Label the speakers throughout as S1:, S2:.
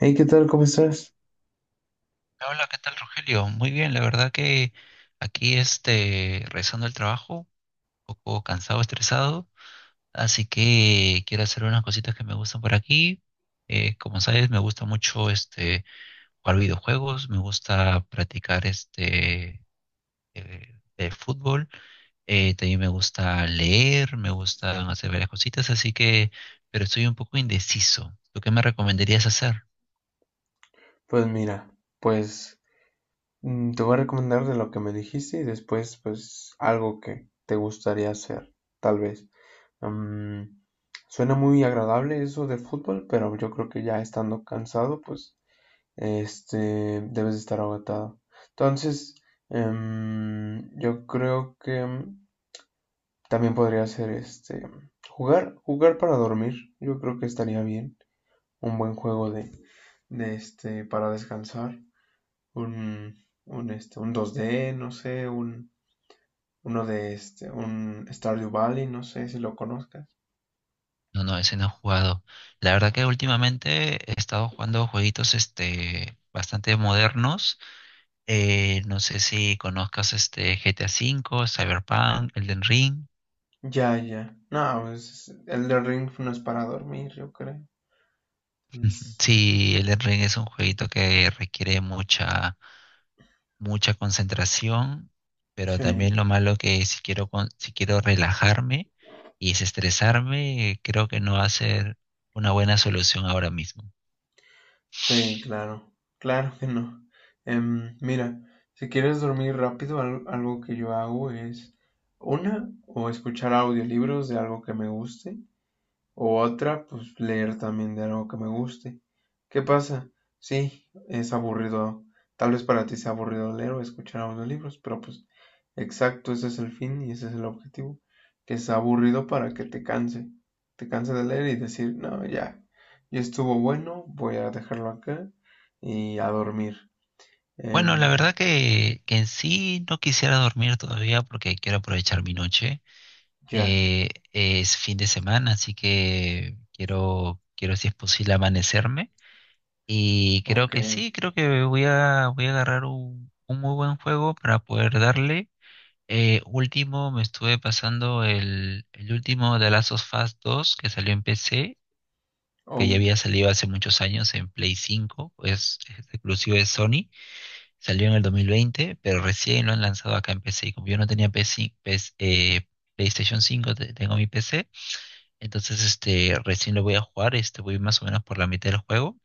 S1: Hey, ¿qué tal? ¿Cómo estás?
S2: Hola, ¿qué tal, Rogelio? Muy bien, la verdad que aquí regresando al trabajo, un poco cansado, estresado, así que quiero hacer unas cositas que me gustan por aquí. Como sabes, me gusta mucho jugar videojuegos, me gusta practicar el fútbol, también me gusta leer, me gustan hacer varias cositas, así que, pero estoy un poco indeciso. ¿Tú qué me recomendarías hacer?
S1: Pues mira, pues te voy a recomendar de lo que me dijiste y después pues algo que te gustaría hacer, tal vez. Mm, suena muy agradable eso de fútbol, pero yo creo que ya estando cansado, pues este debes de estar agotado. Entonces, yo creo que también podría ser jugar para dormir. Yo creo que estaría bien, un buen juego de para descansar. Un 2D, no sé, uno de un Stardew Valley, no sé si lo conozcas.
S2: No, no, ese no he jugado. La verdad que últimamente he estado jugando jueguitos bastante modernos. No sé si conozcas este GTA V, Cyberpunk, Elden Ring.
S1: Ya, ya. No, pues el de Ring no es para dormir, yo creo.
S2: Sí, Elden Ring es un jueguito que requiere mucha, mucha concentración, pero también
S1: Sí,
S2: lo malo que si quiero, si quiero relajarme y desestresarme, creo que no va a ser una buena solución ahora mismo.
S1: sí, claro. Claro que no. Mira, si quieres dormir rápido, algo que yo hago es o escuchar audiolibros de algo que me guste. O otra, pues leer también de algo que me guste. ¿Qué pasa? Sí, es aburrido. Tal vez para ti sea aburrido leer o escuchar audiolibros, pero pues exacto, ese es el fin y ese es el objetivo. Que sea aburrido para que te canse. Te canse de leer y decir, no, ya, ya estuvo bueno, voy a dejarlo acá y a dormir.
S2: Bueno, la
S1: Em,
S2: verdad que en sí no quisiera dormir todavía porque quiero aprovechar mi noche.
S1: ya,
S2: Es fin de semana, así que quiero, si es posible amanecerme. Y creo
S1: ok.
S2: que sí, creo que voy a agarrar un muy buen juego para poder darle. Último, me estuve pasando el último de Last of Us 2 que salió en PC, que ya
S1: Oh,
S2: había salido hace muchos años en Play 5, es exclusivo de Sony. Salió en el 2020, pero recién lo han lanzado acá en PC. Y como yo no tenía PC, PS, PlayStation 5, tengo mi PC. Entonces, recién lo voy a jugar. Voy más o menos por la mitad del juego.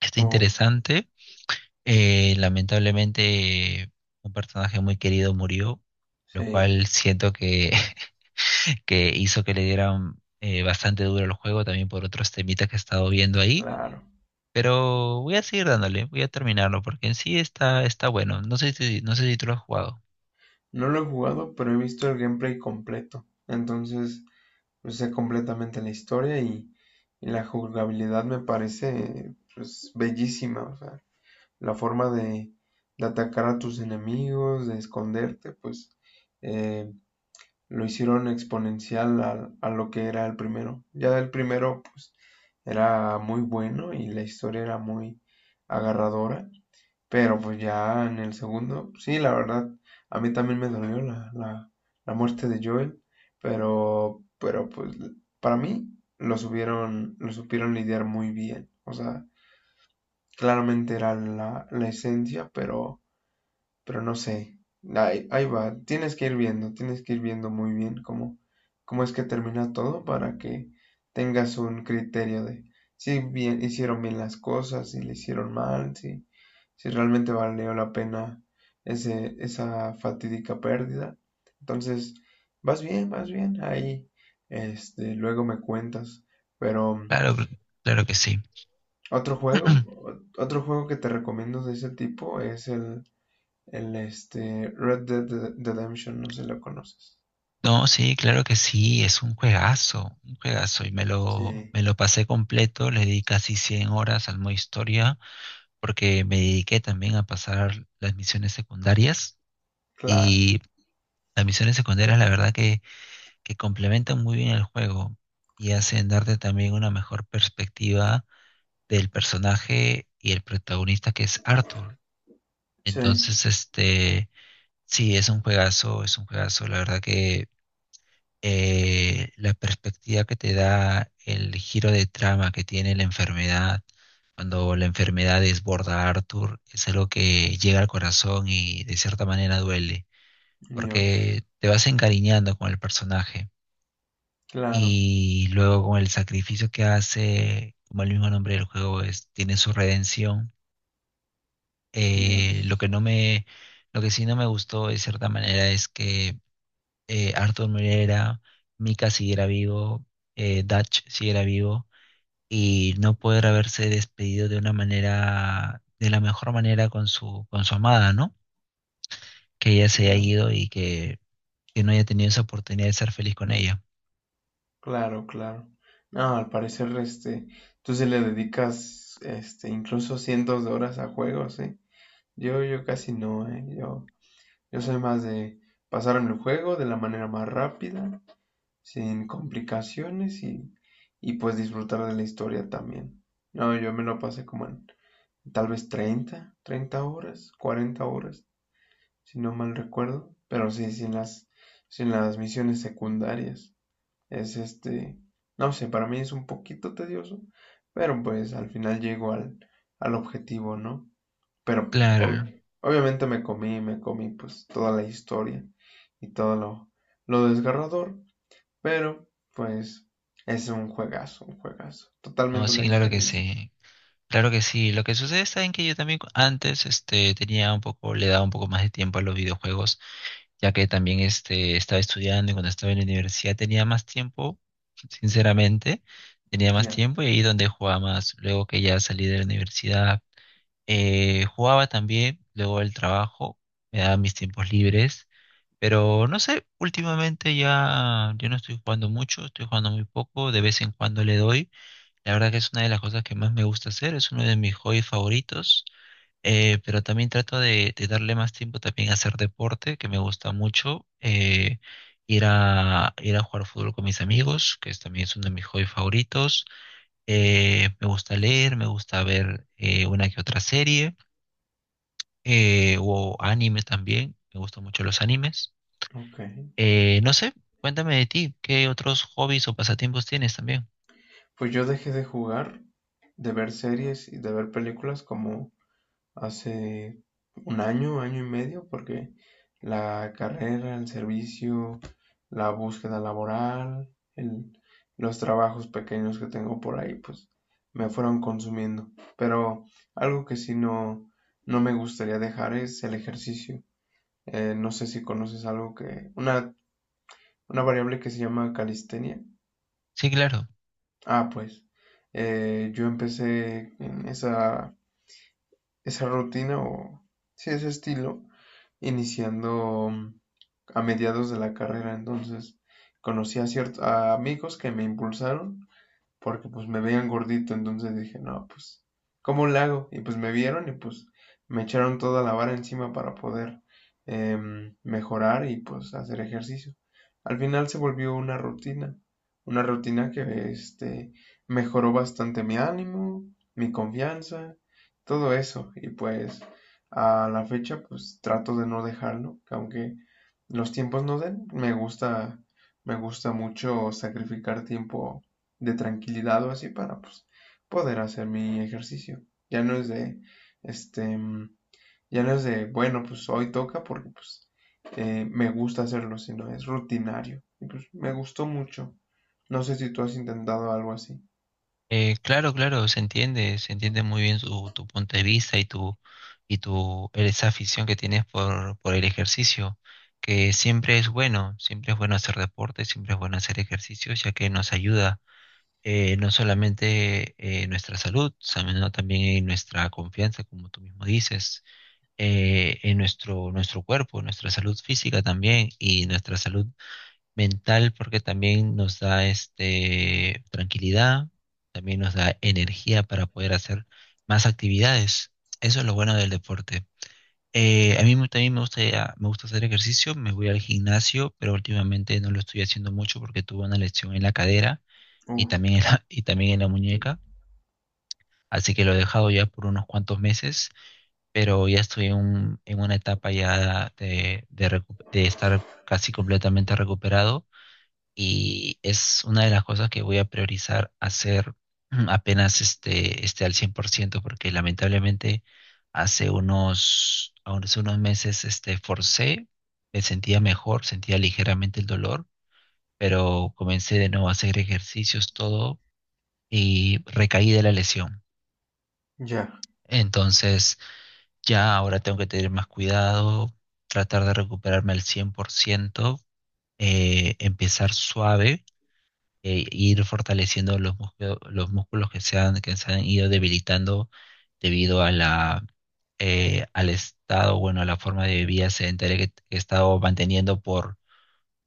S2: Está
S1: oh,
S2: interesante. Lamentablemente, un personaje muy querido murió, lo
S1: sí,
S2: cual siento que, que hizo que le dieran bastante duro al juego, también por otros temitas que he estado viendo ahí.
S1: claro.
S2: Pero voy a seguir dándole, voy a terminarlo, porque en sí está bueno. No sé si tú lo has jugado.
S1: No lo he jugado, pero he visto el gameplay completo. Entonces, usé completamente en la historia y, la jugabilidad me parece pues bellísima, o sea, la forma de atacar a tus enemigos, de esconderte, pues eh, lo hicieron exponencial a lo que era el primero. Ya el primero pues era muy bueno y la historia era muy agarradora, pero pues ya en el segundo, sí, la verdad, a mí también me dolió la, muerte de Joel, pero, pues para mí lo supieron lidiar muy bien. O sea, claramente era la, esencia, pero no sé, ahí va, tienes que ir viendo, muy bien cómo es que termina todo para que tengas un criterio de si bien hicieron bien las cosas, si le hicieron mal, si realmente valió la pena esa fatídica pérdida. Entonces, vas bien, ahí, luego me cuentas. Pero
S2: Claro, claro que sí.
S1: otro juego, que te recomiendo de ese tipo es el Red Dead Redemption, no sé si lo conoces.
S2: No, sí, claro que sí, es un juegazo, un juegazo. Y me lo,
S1: Sí,
S2: me lo pasé completo, le di casi 100 horas al modo historia, porque me dediqué también a pasar las misiones secundarias.
S1: claro.
S2: Y las misiones secundarias, la verdad que complementan muy bien el juego y hacen darte también una mejor perspectiva del personaje y el protagonista que es Arthur.
S1: Sí,
S2: Entonces, sí, es un juegazo, la verdad que la perspectiva que te da el giro de trama que tiene la enfermedad, cuando la enfermedad desborda a Arthur, es algo que llega al corazón y de cierta manera duele,
S1: Dios.
S2: porque te vas encariñando con el personaje
S1: Claro,
S2: y luego con el sacrificio que hace, como el mismo nombre del juego es, tiene su redención. Eh, lo
S1: Dios.
S2: que no me, lo que sí no me gustó de cierta manera es que Arthur Moreira, Mika siguiera vivo, Dutch siguiera vivo y no poder haberse despedido de una manera, de la mejor manera con su amada, ¿no? Que ella se haya
S1: Claro,
S2: ido y que no haya tenido esa oportunidad de ser feliz con ella.
S1: claro. Claro. No, al parecer, tú se le dedicas, incluso cientos de horas a juegos, ¿eh? Yo, casi no, ¿eh? yo soy más de pasarme el juego de la manera más rápida, sin complicaciones y pues disfrutar de la historia también. No, yo me lo pasé como en tal vez 30 horas, 40 horas, si no mal recuerdo, pero sí, sin las, misiones secundarias. Es no sé, para mí es un poquito tedioso, pero pues al final llego al, objetivo, ¿no? Pero
S2: Claro,
S1: obviamente me comí, pues toda la historia y todo lo desgarrador, pero pues es un juegazo,
S2: no,
S1: totalmente una
S2: sí, claro que
S1: experiencia.
S2: sí. Claro que sí. Lo que sucede está en que yo también antes tenía un poco, le daba un poco más de tiempo a los videojuegos, ya que también estaba estudiando, y cuando estaba en la universidad tenía más tiempo, sinceramente, tenía más
S1: Ya,
S2: tiempo, y ahí donde jugaba más. Luego que ya salí de la universidad, jugaba también, luego el trabajo, me daba mis tiempos libres, pero no sé, últimamente ya yo no estoy jugando mucho, estoy jugando muy poco, de vez en cuando le doy. La verdad que es una de las cosas que más me gusta hacer, es uno de mis hobbies favoritos. Pero también trato de darle más tiempo también a hacer deporte, que me gusta mucho. Ir a jugar fútbol con mis amigos, que es, también es uno de mis hobbies favoritos. Me gusta leer, me gusta ver una que otra serie, o anime también. Me gustan mucho los animes.
S1: ok.
S2: No sé, cuéntame de ti, ¿qué otros hobbies o pasatiempos tienes también?
S1: Pues yo dejé de jugar, de ver series y de ver películas como hace un año, año y medio, porque la carrera, el servicio, la búsqueda laboral, el- los trabajos pequeños que tengo por ahí, pues me fueron consumiendo. Pero algo que sí no, no me gustaría dejar es el ejercicio. No sé si conoces una variable que se llama calistenia.
S2: Sí, claro.
S1: Ah, pues yo empecé en esa rutina o sí, ese estilo, iniciando a mediados de la carrera. Entonces conocí a ciertos amigos que me impulsaron porque pues me veían gordito, entonces dije, no, pues, ¿cómo le hago? Y pues me vieron y pues me echaron toda la vara encima para poder mejorar y pues hacer ejercicio. Al final se volvió una rutina, que mejoró bastante mi ánimo, mi confianza, todo eso. Y pues a la fecha pues trato de no dejarlo, que aunque los tiempos no den, me gusta mucho sacrificar tiempo de tranquilidad o así para pues, poder hacer mi ejercicio. Ya no es de, este, ya no es de, bueno, pues hoy toca porque pues me gusta hacerlo, sino es rutinario. Y pues me gustó mucho. No sé si tú has intentado algo así.
S2: Claro, claro, se entiende muy bien tu punto de vista y tu esa afición que tienes por el ejercicio, que siempre es bueno hacer deporte, siempre es bueno hacer ejercicio, ya que nos ayuda, no solamente nuestra salud, sino también en nuestra confianza, como tú mismo dices, en nuestro cuerpo, nuestra salud física también, y nuestra salud mental, porque también nos da tranquilidad, también nos da energía para poder hacer más actividades. Eso es lo bueno del deporte. A mí también me gusta hacer ejercicio, me voy al gimnasio, pero últimamente no lo estoy haciendo mucho porque tuve una lesión en la cadera y
S1: Uh,
S2: también en la, y también en la muñeca, así que lo he dejado ya por unos cuantos meses, pero ya estoy en una etapa ya de estar casi completamente recuperado, y es una de las cosas que voy a priorizar hacer apenas esté al 100%, porque lamentablemente hace unos meses forcé, me sentía mejor, sentía ligeramente el dolor, pero comencé de nuevo a hacer ejercicios, todo, y recaí de la lesión.
S1: ya,
S2: Entonces ya ahora tengo que tener más cuidado, tratar de recuperarme al 100%, empezar suave, ir fortaleciendo los músculos que se han ido debilitando debido a la, al estado, bueno, a la forma de vida sedentaria que he estado manteniendo por,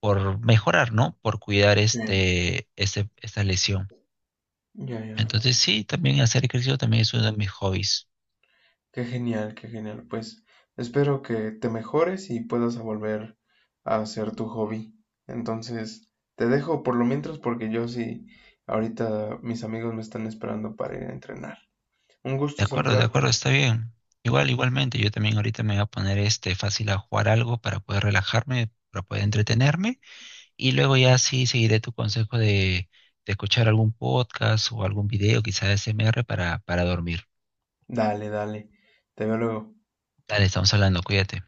S2: por mejorar, ¿no? Por cuidar
S1: sí.
S2: esta lesión.
S1: Ya, ya.
S2: Entonces, sí, también hacer ejercicio también es uno de mis hobbies.
S1: Qué genial, qué genial. Pues espero que te mejores y puedas volver a hacer tu hobby. Entonces, te dejo por lo mientras porque yo sí, ahorita mis amigos me están esperando para ir a entrenar. Un gusto
S2: De acuerdo,
S1: saludarte.
S2: está bien. Igualmente, yo también ahorita me voy a poner fácil a jugar algo para poder relajarme, para poder entretenerme. Y luego ya sí seguiré tu consejo de escuchar algún podcast o algún video, quizás SMR para dormir.
S1: Dale, dale. Te veo luego.
S2: Dale, estamos hablando, cuídate.